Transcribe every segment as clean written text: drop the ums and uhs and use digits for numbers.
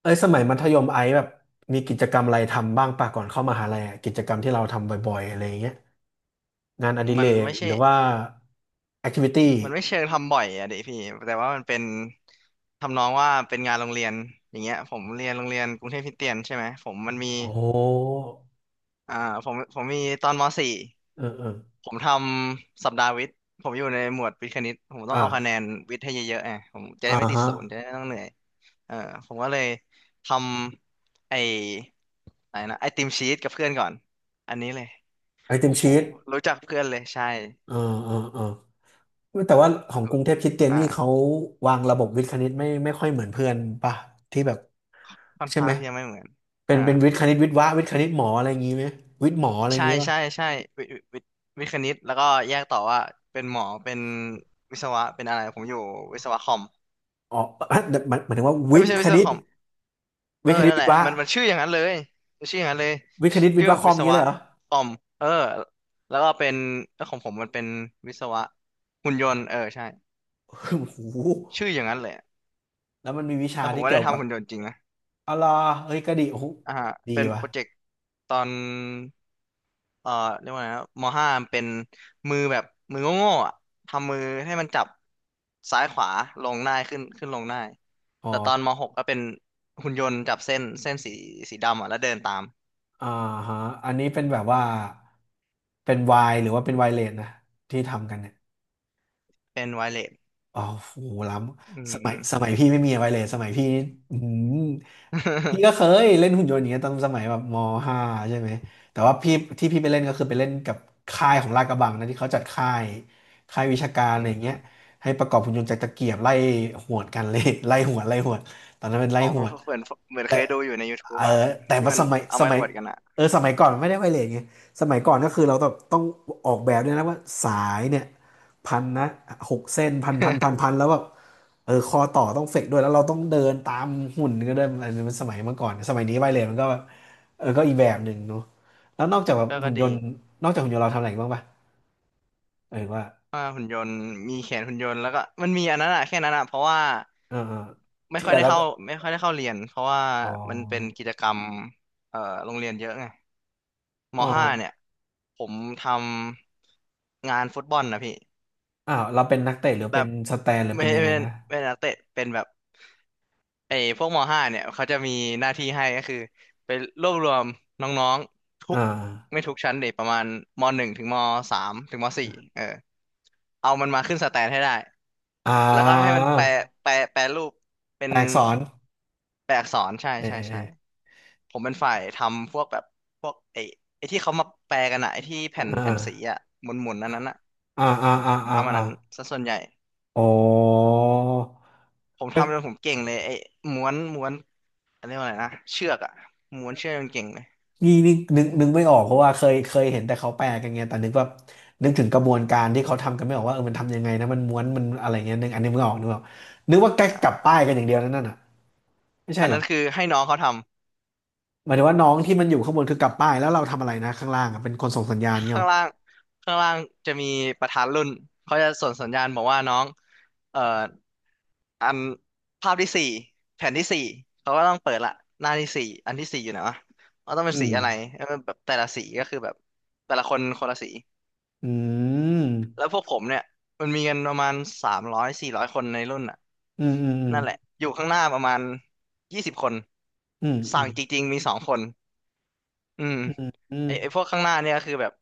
เอ้ยสมัยมัธยมไอซ์แบบมีกิจกรรมอะไรทำบ้างป่ะก่อนเข้ามหาลัยอะกิจกรรมที่เราทำบ่อยๆอะไรอย่างเงี้ยงานอดิมัเรนกไม่ใช่หรือว่าแอคทิวิตี้มันไม่เชิงทำบ่อยอะดิพี่ แต่ว่ามันเป็นทำนองว่าเป็นงานโรงเรียน อย่างเงี้ยผมเรียนโรงเรียนกรุงเทพคริสเตียนใช่ไหมผมมันมีโอ้อ่าผมมีตอนม .4 เออเออผมทำสัปดาห์วิทย์ผมอยู่ในหมวดวิทย์คณิตผมต้องเอาคะแนนอ่าวิทย์ให้เยอะๆไงผมจะอ่าได้ไม่ติดฮะศูนย์จะได้ไม่ต้องเหนื่อยเออผมก็เลยทำไอ้อะไรนะไอติมชีสกับเพื่อนก่อน อันนี้เลย ไอติโอ้มโหชีตรู้จักเพื่อนเลยใช่เออเออเออแต่ว่าของกรุงเทพคริสเตียนนี่เขาอ่าวางระบบวิทย์คณิตไม่ค่อยเหมือนเพื่อนป่ะที่แบบค่อนใช่ไหข้ามงที่จะไม่เหมือนเป็นอ่า เป็นวิทย์คณิตวิทย์วะวิทย์คณิตหมออะไรอย่างงี้ไหมวิทย์หมออะไรอย่างใช่งี้ป่ะใช่ใช่วิวิวิทย์คณิตแล้วก็แยกต่อว่าเป็นหมอเป็นวิศวะเป็นอะไรผมอยู่วิศวะคอมอ๋อเอ้ยหมายถึงว่าเอ้ยวิทไม่ย์ใช่ควิศณิวะคต อมเอวิอทย์คณิตนั่นวิแหทละย์วะมันชื่ออย่างนั้นเลยมันชื่ออย่างนั้นเลยวิทย์คณิตวิทชื่ย์อวะคอวิมอศย่างนี้วะเลยเหรอ คอมเออแล้วก็เป็นแล้วของผมมันเป็นวิศวะหุ่นยนต์เออใช่โอ้โหชื่ออย่างนั้นเลยแล้วมันมีวิชาแล้วผมที่ก็เกี่ได้ยวกัทำบหุ่นยนต์จริงนะอะไรอเฮ้ยก็ดีโอ้โหอ่าฮะดีเป็นวะโปรเจกต์ตอน เอ่อเรียกว่าไงนะมห้ามันเป็นมือแบบมือโง่ๆอ่ะทำมือให้มันจับซ้ายขวาลงได้ขึ้นลงได้ออแต่ตกอนมหกก็เป็นหุ่นยนต์จับเส้นสีดำอ่ะแล้วเดินตามอ่าฮะอันนี้เป็นแบบว่า เป็นวายหรือว่าเป็นวายเลนนะที่ทำกันเนี่ย เป็นไวเลสอ๋อโหล้อืำสมัยสม มัยพี่ไม่มีอะไรเลยสมัยพี่อืมพี่ก็เค ยเล่นหุ่นยนต์อย่างเงี้ยตอนสมัยแบบมห้าใช่ไหมแต่ว่าพี่ที่พี่ไปเล่นก็คือไปเล่นกับค่ายของลาดกระบังนะที่เขาจัดค่ายค่ายวิชาการอะอืไรอมย่างอเงี้ยมให้ประกอบหุ่นยนต์จากตะเกียบไล่หวดกันเลย ไล่หวดไล่หวดตอนนั้นเป็นไล่อ๋อหผวมด เหมือนเคยดูอยู่ใน เอ YouTube ออ่ะแต่ที่ว่ามันสมัยเอาสไม้มัยขวดกันอ่ะ เออสมัยก่อนมันไม่ได้ไวเลสไงสมัยก่อนก็คือเราต้องออกแบบด้วยนะว่าสายเนี่ยพันนะหกเส้นพันพันพัน พันแล้วแบบเออคอต่อต้องเฟกด้วยแล้วเราต้องเดินตามหุ่นก็ไดินนี้มันสมัยเมื่อก่อนสมัยนี้ไวเลสมันก็แบบเออก็อีกแบบหนึ่งเนาะแล้วนอกจากแบบก็ก็หุ่นยดีนต์นอกจากหุ่นยนต์เราทำอะไรอีกบ้างปะเออว่าว่าหุ่นยนต์มีแขนหุ่นยนต์แล้วก็มันมีอันนั้นอ่ะแค่นั้นอ่ะเพราะว่า เออเออไม่ที่ค่อเหยลือได้เราเข้าก็ไม่ค่อยได้เข้าเรียนเพราะว่าอ๋อมันเป็นกิจกรรมเอ่อโรงเรียนเยอะไงมอ๋อห้าเนี่ยผมทำงานฟุตบอลนะพี่อ้าวเราเป็นนักเตะหรือแบเป็นบสแตนหรือไม่เป็นยังไงเป็นนะเป็นนักเตะเป็นแบบไอ้พวกมห้าเนี่ยเขาจะมีหน้าที่ให้ก็คือไปรวบรวมน้องๆทุกอ่าไม่ทุกชั้นเด็กประมาณมหนึ่งถึงมสามถึงมสี่เออเอามันมาขึ้นสแตนให้ได้ อ่แล้วก็ให้า มันแปลแปลรูปเป็แตนอกสอนแปลอักษรใช่เอใช่ใช่อผมเป็นฝ่ายทำพวกแบบพวกไอ้ที่เขามาแปลกันอะไอ้ที่แผ่นเอแผ่นสีออะหมุนๆอันนั้นอะอ่าอ่าอ่าผมอ่าทำอันอ่านั้นซะส่วนใหญ่อ๋อผมก็ทำจนผมเก่งเลยไอ้ม้วนอะไรยกว่าอะไรนะเชือกอะม้วนเชือกจนเก่งเลยนี่นี่นึกไม่ออกเพราะว่าเคย เคยเห็นแต่เขาแปลกันไงแต่นึกว่านึกถึงกระบวนการที่เขาทำกันไม่ออกว่าเออมันทำยังไงนะมันม้วนมันอะไรเงี้ยนึกอันนี้ไม่ออกนึกออกนึกว่าแกอ่กลับาป้ายกันอย่างเดียวนั่นน่ะไม่ใช่อันเหรนั้อนคือให้น้องเขาทำหมายถึงว่าน้องที่มันอยู่ข้างบนคือกลับป้ายแล้วเราทำอะไรนะข้างล่างอ่ะเป็นคนส่งสัญญาณเงี้ยเหข้ารงอล่างข้างล่างจะมีประธานรุ่นเขาจะส่งสัญญาณบอกว่าน้องเอ่อ อันภาพที่สี่แผ่นที่สี่เขาก็ต้องเปิดละหน้าที่สี่อันที่สี่อยู่ไหนวะว่าต้องเป็นอืสีมอะไรเออแบบแต่ละสีก็คือแบบแต่ละคนคนละสีอืมแล้วพวกผมเนี่ยมันมีกันประมาณสามร้อยสี่ร้อยคนในรุ่นอ่ะอืมอืมนั่นแหละอยู่ข้างหน้าประมาณยี่สิบคนอืมอืสั่งมจริงๆมีสองคนอืมอืมอืมไออไอพวมกข้างหน้าเนี่ยก็คือแบบ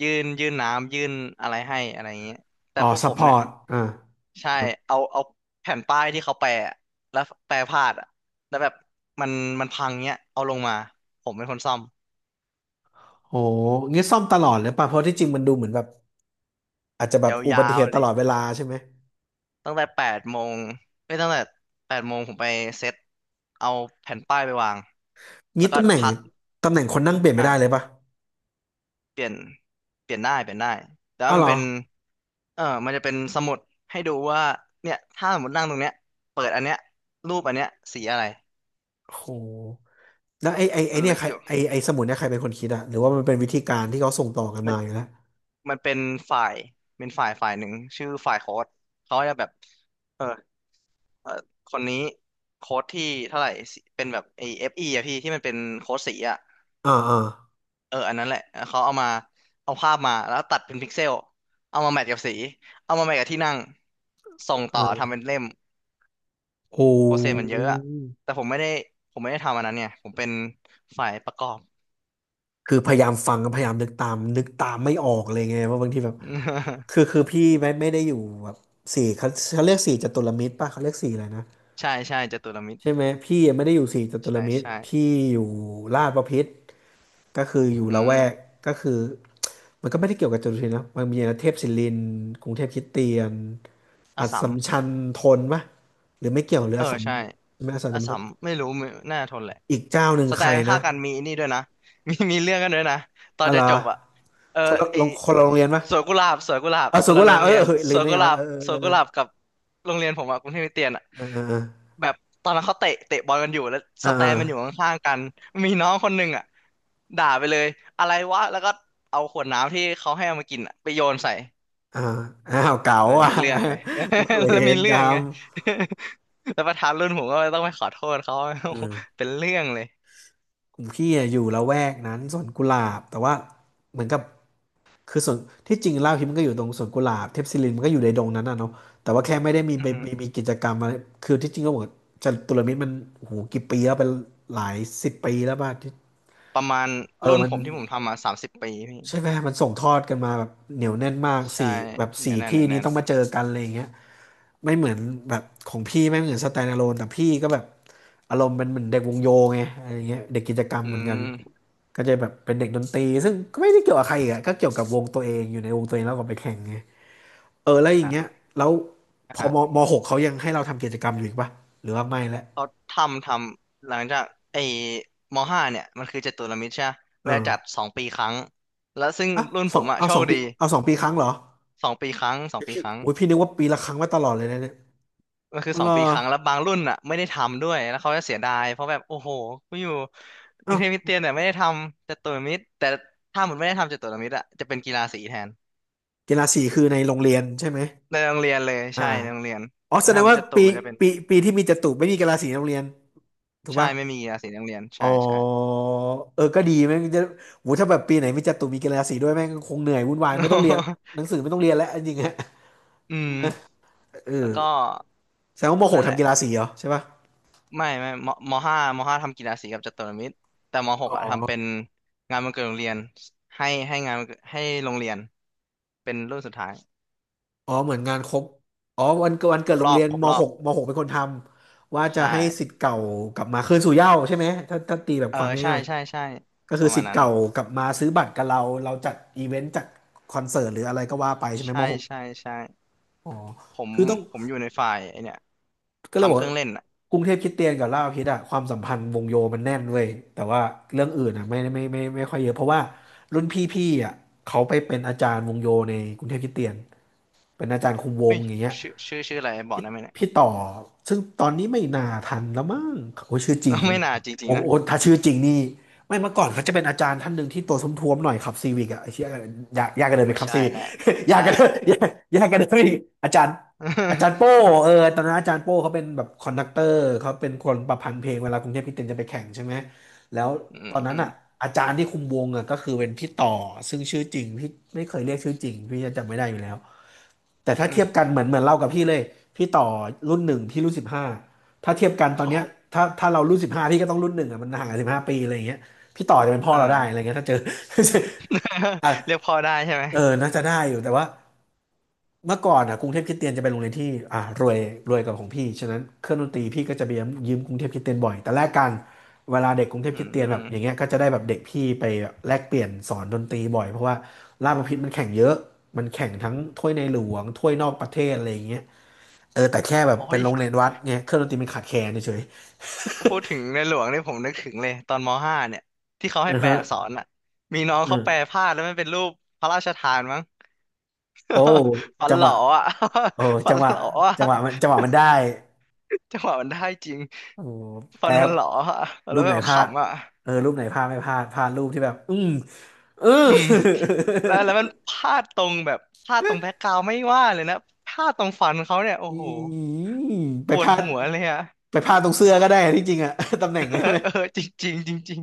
ยื่นน้ำยื่นอะไรให้อะไรอย่างเงี้ยแต่อ๋อพวกซัผพพมอเนี่ย ร์ตอ่า ใช่เอาแผ่นป้ายที่เขาแปะอะแล้วแปะพลาดอ่ะแล้วแบบมันมันพังเนี้ย เอาลงมา ผมเป็นคนซ่อมโหงี้ซ่อมตลอดเลยป่ะเพราะที่จริงมันดูเหมือนแบบอาจจะแบบอุยาบัติเหวตุๆตเลยลอดเวลาใช่ไหมตั้งแต่แปดโมงไม่ตั้งแต่แปดโมงผมไปเซ็ตเอาแผ่นป้ายไปวาง แล้งี้วก็ตำแหน่งพักตำแหน่งคนนั่งเปลี่ยนไม่อ่ะได้เลยป่ะเปลี่ยนเปลี่ยนได้ แต่อ้าว่าวเหมัรนอเป็นเออมันจะเป็นสมุดให้ดูว่าเนี่ยถ้าสมมตินั่งตรงเนี้ยเปิดอันเนี้ยรูปอันเนี้ยสีอะไรโหแล้วไอ้มันเนี่ลึยกใครอยู่ ไอ้สมุดเนี่ยใครเป็นคนคิดอะหรือว่ามันเป็นวิธีการที่เขาส่งต่อกันมาอยู่แล้วมันเป็นฝ่ายเป็นฝ่ายหนึ่งชื่อฝ่ายโค้ดเขาจะแบบเออเออคนนี้โค้ดที่เท่าไหร่สิเป็นแบบไอเอฟอีอะพี่ที่มันเป็นโค้ดสีอะอ่าอ่าเอออันนั้นแหละเขาเอามาเอาภาพมาแล้วตัดเป็นพิกเซลเอามาแมทกับสีเอามาแมทกับที่นั่งส่งอต่อออทำเป็นเล่มโอ้โปรเซสมันเยอะอะแต่ผมไม่ได้ผมไม่ได้ทำอันนั้นเนี่ยผมเป็นฝ่ายประกอบ คือพยายามฟังพยายามนึกตามไม่ออกเลยไงว่าบางทีแบบคือ คือพี่ไม่ได้อยู่แบบสี่เขาเขาเรียกสี่จตุรมิตรป่ะเขาเรียกสี่อะไรนะ ใช่ใช่จตุรมิตรใช่ไหมพี่ไม่ได้อยู่สี่จตุรใช่มิตรใช่พี่อยู่ลาดบพิตรก็คืออยู่อืละแวกมก็คือมันก็ไม่ได้เกี่ยวกับจตุรมิตรนะมันมีเทพศิรินทร์กรุงเทพคริสเตียนออัสสสัสัม มชัญธนปะหรือไม่เกี่ยวหรือเอออัสสัมใช่ไม่อัสสัมอาชัญธสันมไม่รู้ไม่น่าจะทนแหละอีกเจ้าหนึ่งสไตใครล์นะข้างๆกันมีนี่ด้วยนะ มีมีเรื่องกันด้วยนะตอนอะไรจะจอบอ่ะเออไอคนละโรงเรียนปะสวนกุหลาบสวนกุหลาบเออคสุนกุละลาโรงเออเรียนเออลืสมวนได้กุไงหลาวะบเออสเอวอนเอกุอหลาบกับโรงเรียนผมอะกรุงเทพคริสเตียนอะเออเออแบบตอนนั้นเขาเตะเตะบอลกันอยู่แล้วเอสอแตเออเอนอมันอยู่ข้างๆกันมีน้องคนหนึ่งอ่ะด่าไปเลยอะไรวะแล้วก็เอาขวดน้ำที่เขาให้เอามากินอะไปโยนใส่ เอออ้าวเก๋าเอออ่ะ มีเรื่องไง เวแล้วมีรกเรื่รองรไง ม แล้วประธานรุ่นผมก็ต้องไปขอโทษเขา เออ เป็นเรื่องเลยกลุ่มพี่อะอยู่ละแวกนั้นสวนกุหลาบแต่ว่าเหมือนกับคือส่วนที่จริงเล่าฮิปมันก็อยู่ตรงสวนกุหลาบเทพศิรินมันก็อยู่ในดงนั้นน่ะเนาะแต่ว่าแค่ไม่ได้มีอืไปอฮึมีกิจกรรมอะไรคือที่จริงก็เหมือนจตุรมิตรมันโอ้โหกี่ปีแล้วเป็นหลายสิบปีแล้วป่ะที่ประมาณเออรุ่นมัผนมที่ผมทำมา30 ปีพี่ใช่ไหมมันส่งทอดกันมาแบบเหนียวแน่นมากใช่สี่แบบสี่เนี่ยแน่นที่เนี่ยนี้แน่นต้องมาเจอกันอะไรอย่างเงี้ย ไม่เหมือนแบบของพี่ไม่เหมือนสแตนด์อะโลนแต่พี่ก็แบบอารมณ์เป็นเหมือนเด็กวงโยไงอะไรเงี้ยเด็กกิจกรรมอืเหมือนกันม ก็จะแบบเป็นเด็กดนตรีซึ่งก็ไม่ได้เกี่ยวกับใครอีกอะก็เกี่ยวกับวงตัวเองอยู่ในวงตัวเองแล้วก็ไปแข่งไงเออแล้วอย่างอ่ะเงี้ยแล้วพนะอฮะมมหกเขายังให้เราทำกิจกรรมอยู่อีกปะหรือว่าไม่แล้วเขาทำ หลังจากไอ้มห้าเนี่ย มันคือจตุรมิตรใช่ไหมเวเอลาจัดอสองปีครั้ง แล้วซึ่งอ่ะรุ่นสผองมอะเอาโชสอคงปีดีเอา2 ปีครั้งเหรอสองปีครั้งสองปีพี่ครั้ง โอ้ยพี่นึกว่าปีละครั้งมาตลอดเลยนะเนี่ยมันคือสรองปีอครั้งแล้วบางรุ่นอ่ะไม่ได้ทำด้วยแล้วเขาจะเสียดายเพราะแบบโอ้โหกูอยู่กเอ้ารุงเทพคริสเตียนเนี่ยไม่ได้ทำจตุรมิตรแต่ถ้ามุนไม่ได้ทำจตุรมิตรอ่ะจะเป็นกีฬาสีแทนกีฬาสีคือในโรงเรียนใช่ไหมในโรงเรียนเลยอ่า ใช่ในโรงเรียนอ๋อแต่แสดถ้างมุนว่าจตุปีมันจะเป็นปีที่มีจตุไม่มีกีฬาสีในโรงเรียนถูกใช่ป่ะไม่มีกีฬาสีในโรงเรียนอ๋ใช่อใช่ เออก็ดีแม่งจะโหถ้าแบบปีไหนมีจตุมีกีฬาสีด้วยแม่งคงเหนื่อยวุ่นวายไม่ต้องเรียนห นังสือไม่ต้องเรียนแล้วจริงๆฮะอืมเอแล้อวก็แสดงว่ามหนั่กนแหทำละกีฬาสีเหรอใช่ป่ะไม่มห้าทำกีฬาสีกับจตุรมิตรแต่มหกอ๋อ่ะทำเป็อนงานวันเกิดโรงเรียนให้ให้งานวันเกิดให้โรงเรียนเป็นรุ่นสุดท้ายอ๋อเหมือนงานครบอ๋อวันเกิดวันคเกิรดบโรรงอเรีบยนครบมรอหบกมหกเป็นคนทำว่าจะใช่ ให้ศิษย์เก่ากลับมาคืนสู่เหย้าใช่ไหมถ้าตีแบบเออความใช่ง่ายใช่ใช่ๆก็ปคือระศิมาณษย์นั้นเก่ากลับมาซื้อบัตรกับเราเราจัดอีเวนต์จัดคอนเสิร์ตหรืออะไรก็ว่าไปใช่ไหมใช่ม ใช่ใช่อ๋อ ผมคือต้องผมอยู่ในฝ่ายไอเนี่ยก็เลยบทำอกเครื่อว่างเล่นอ่ะกรุงเทพคริสเตียนกับลาดพร้าวพิตอ่ะความสัมพันธ์วงโยมันแน่นเว้ยแต่ว่าเรื่องอื่นอ่ะไม่ค่อยเยอะเพราะว่ารุ่นพี่อ่ะเขาไปเป็นอาจารย์วงโยในกรุงเทพคริสเตียนเป็นอาจารย์คุมวเฮ้งยอย่างเงี้ย ชื่ออะไรบอกพี่ได้ไหมเนี่ย พี่ต่อซึ่งตอนนี้ไม่น่าทันแล้วมั้งโอ้ชื่อจริง ไม่น่าจริงโอ้ๆนะโอ้ถ้าชื่อจริงนี่ไม่เมื่อก่อนเขาจะเป็นอาจารย์ท่านหนึ่งที่ตัวท้วมๆหน่อยขับซีวิกอะไอ้เชี่ยยากยากกันผเลยมไปไม่ขับใช่ซีวิก แล้ว ยากใช่กันเลแล้ว ยยากยากกันเลยอาจารย์อาจารย์โป้ เออตอนนั้นอาจารย์โป้เขาเป็นแบบคอนดักเตอร์เขาเป็นคนประพันธ์เพลงเวลากรุงเทพคริสเตียนจะไปแข่งใช่ไหมแล้วอืตมอนอืนั้นมอ่ะอาจารย์ที่คุมวงอ่ะก็คือเป็นพี่ต่อซึ่งชื่อจริงพี่ไม่เคยเรียกชื่อจริงพี่จะจำไม่ได้อยู่แล้ว แต่ถ้าอืเทียบมกันเหมือนเรากับพี่เลยพี่ต่อรุ่นหนึ่งพี่รุ่นสิบห้าถ้าเทียบกันโอตอนเนี้ย้ถ้าเรารุ่นสิบห้าพี่ก็ต้องรุ่นหนึ่งอ่ะมันห่างกัน15 ปีอะไรอย่างเงี้ยพี่ต่อจะเป็นพ่ออ่า เราได้อะไรเงี้ยถ้าเจอ อ่ะ เรียกพ่อได้ใช่ไหมเออน่าจะได้อยู่แต่ว่าเมื่อก่อนอ่ะกรุงเทพคริสเตียนจะเป็นโรงเรียนที่อ่ะรวยรวยกว่าของพี่ฉะนั้นเครื่องดนตรีพี่ก็จะไปยืมกรุงเทพคริสเตียนบ่อยแต่แลกกันเวลาเด็กกรุงเทพอืคริสเตียนแบบอย่างเงี้มยก็จะได้แบบเด็กพี่ไปแบบแลกเปลี่ยนสอนดนตรีบ่อยเพราะว่าราชบัณฑิตมันแข่งเยอะมันแข่งทั้งถ้วยในหลวงถ้วยนอกประเทศอะไรอย่างเงี้ย เออแต่แค่แบบโอ้เป็นยโรงเรียนวัดเนี่ยเครื่องดนตรีมันขาดแคลนเฉยๆ พูดถึง ในหลวงนี่ผมนึกถึงเลยตอนมห้าเนี่ยที่เขาให้อือแปลฮะอักษรอ่ะมีน้องอือเขาแปลพลาดแล้วมันเป็นรูปพระราชทานมั้ง โอ้ ฝันจังหลหอวะอ่ะ โอ้ ฝัจันงหหวะลออ่ะ จังหวะมันจังหวะมันได้จังหวะมันได้จริงโอ้ฟันแป๊มับนหลออะแล้รูวปแบไหนบพลาดขำอ่ะเออรูปไหนพลาดไม่พลาดพลาดรูปที่แบบอืมเอออืมแล้วมันพลาดตรงแบบพลาดตรงแบ็กกราวด์ไม่ว่าเลยนะพลาดตรงฟันเขาเนี่ยโอ้อืโหม ไปปพวดลาดหัวเลยอ่ะ ไปพลาดตรงเสื้อก็ได้ที่จริงอะ ตำแหน่ง เออใช่ไหมเออจริงจริงจริง จริง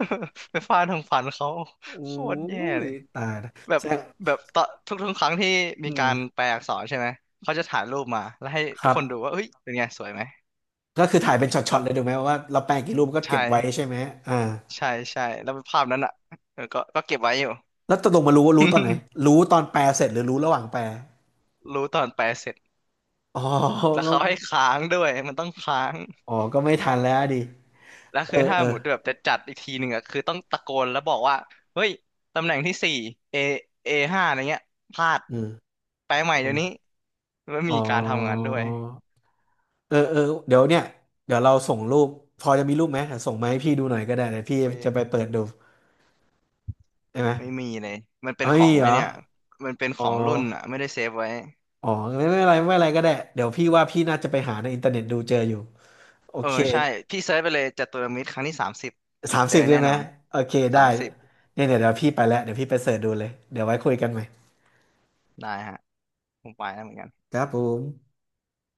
ๆไปฟาดตรงฟันเขาโอ้โคตรแย่ยเลยตายละแบบแซ่บแบบตอนทุกครั้งที่มีอืมการแปลอักษรใช่ไหมเขาจะถ่ายรูปมาแล้วให้คทุกรัคนดูบว่าเฮ้ยเป็นไงสวยไหมก็คือถ่ายเป็นช็อแล้ตวๆเลยถูกไหมว่าเราแปลงกี่รูปก็ใช่เก็บไว้ใช่ไหมอ่า ใช่ใช่แล้วภาพนั้นอ่ะเออก็เก็บไว้อยู่ แล้วตกลงมารู้ว่ารู้ตอนไหน รู้ตอนแปลเสร็จหรือรู้ระหว่างแปลรู้ตอนแปลเสร็จอ๋อแล้วก็เขาให้ค้างด้วยมันต้องค้างอ๋อ ก็ไม่ทันแล้วดิแล้วเออคือถ้าเออหมุดแบบจะจัดอีกทีหนึ่งอะคือต้องตะโกนแล้วบอกว่าเฮ้ยตำแหน่งที่สี่เอเอห้าอะไรเงี้ยพลาดอืมแปลใหม่อ๋อเดี๋ยวนี้แล้วอ๋อมีการทำงานด้วยเออเออเดี๋ยวเนี่ย เดี๋ยวเราส่งรูป พอจะมีรูปไหมเดี๋ยวส่งมาให้พี่ดูหน่อยก็ได้เดี๋ยวพี่เฮ้ยจะไปเปิดดูได้ไหมไม่มีเลยมันเป็เอานขไม่อมีงเหไอรอ เนี่ยมันเป็นขอ๋อ องรุ่นอะไม่ได้เซฟไว้อ๋อไม่ไม่เป็นไรไม่เป็นไรก็ได้เดี๋ยวพี่ว่าพี่น่าจะไปหาในอินเทอร์เน็ตดูเจออยู่โอเออเคใช่พี่เซิร์ชไปเลยจัตุรมิตรครั้งที่สามสิบสามเจอสิบแน่ใช่ไหม นอนโอเค สาได้มสิบเนี่ยเดี๋ยวพี่ไปแล้วเดี๋ยวพี่ไปเสิร์ชดูเลยเดี๋ยวไว้คุยกันใหม่ได้ฮะผมไปแล้วเหมือนกันครับผม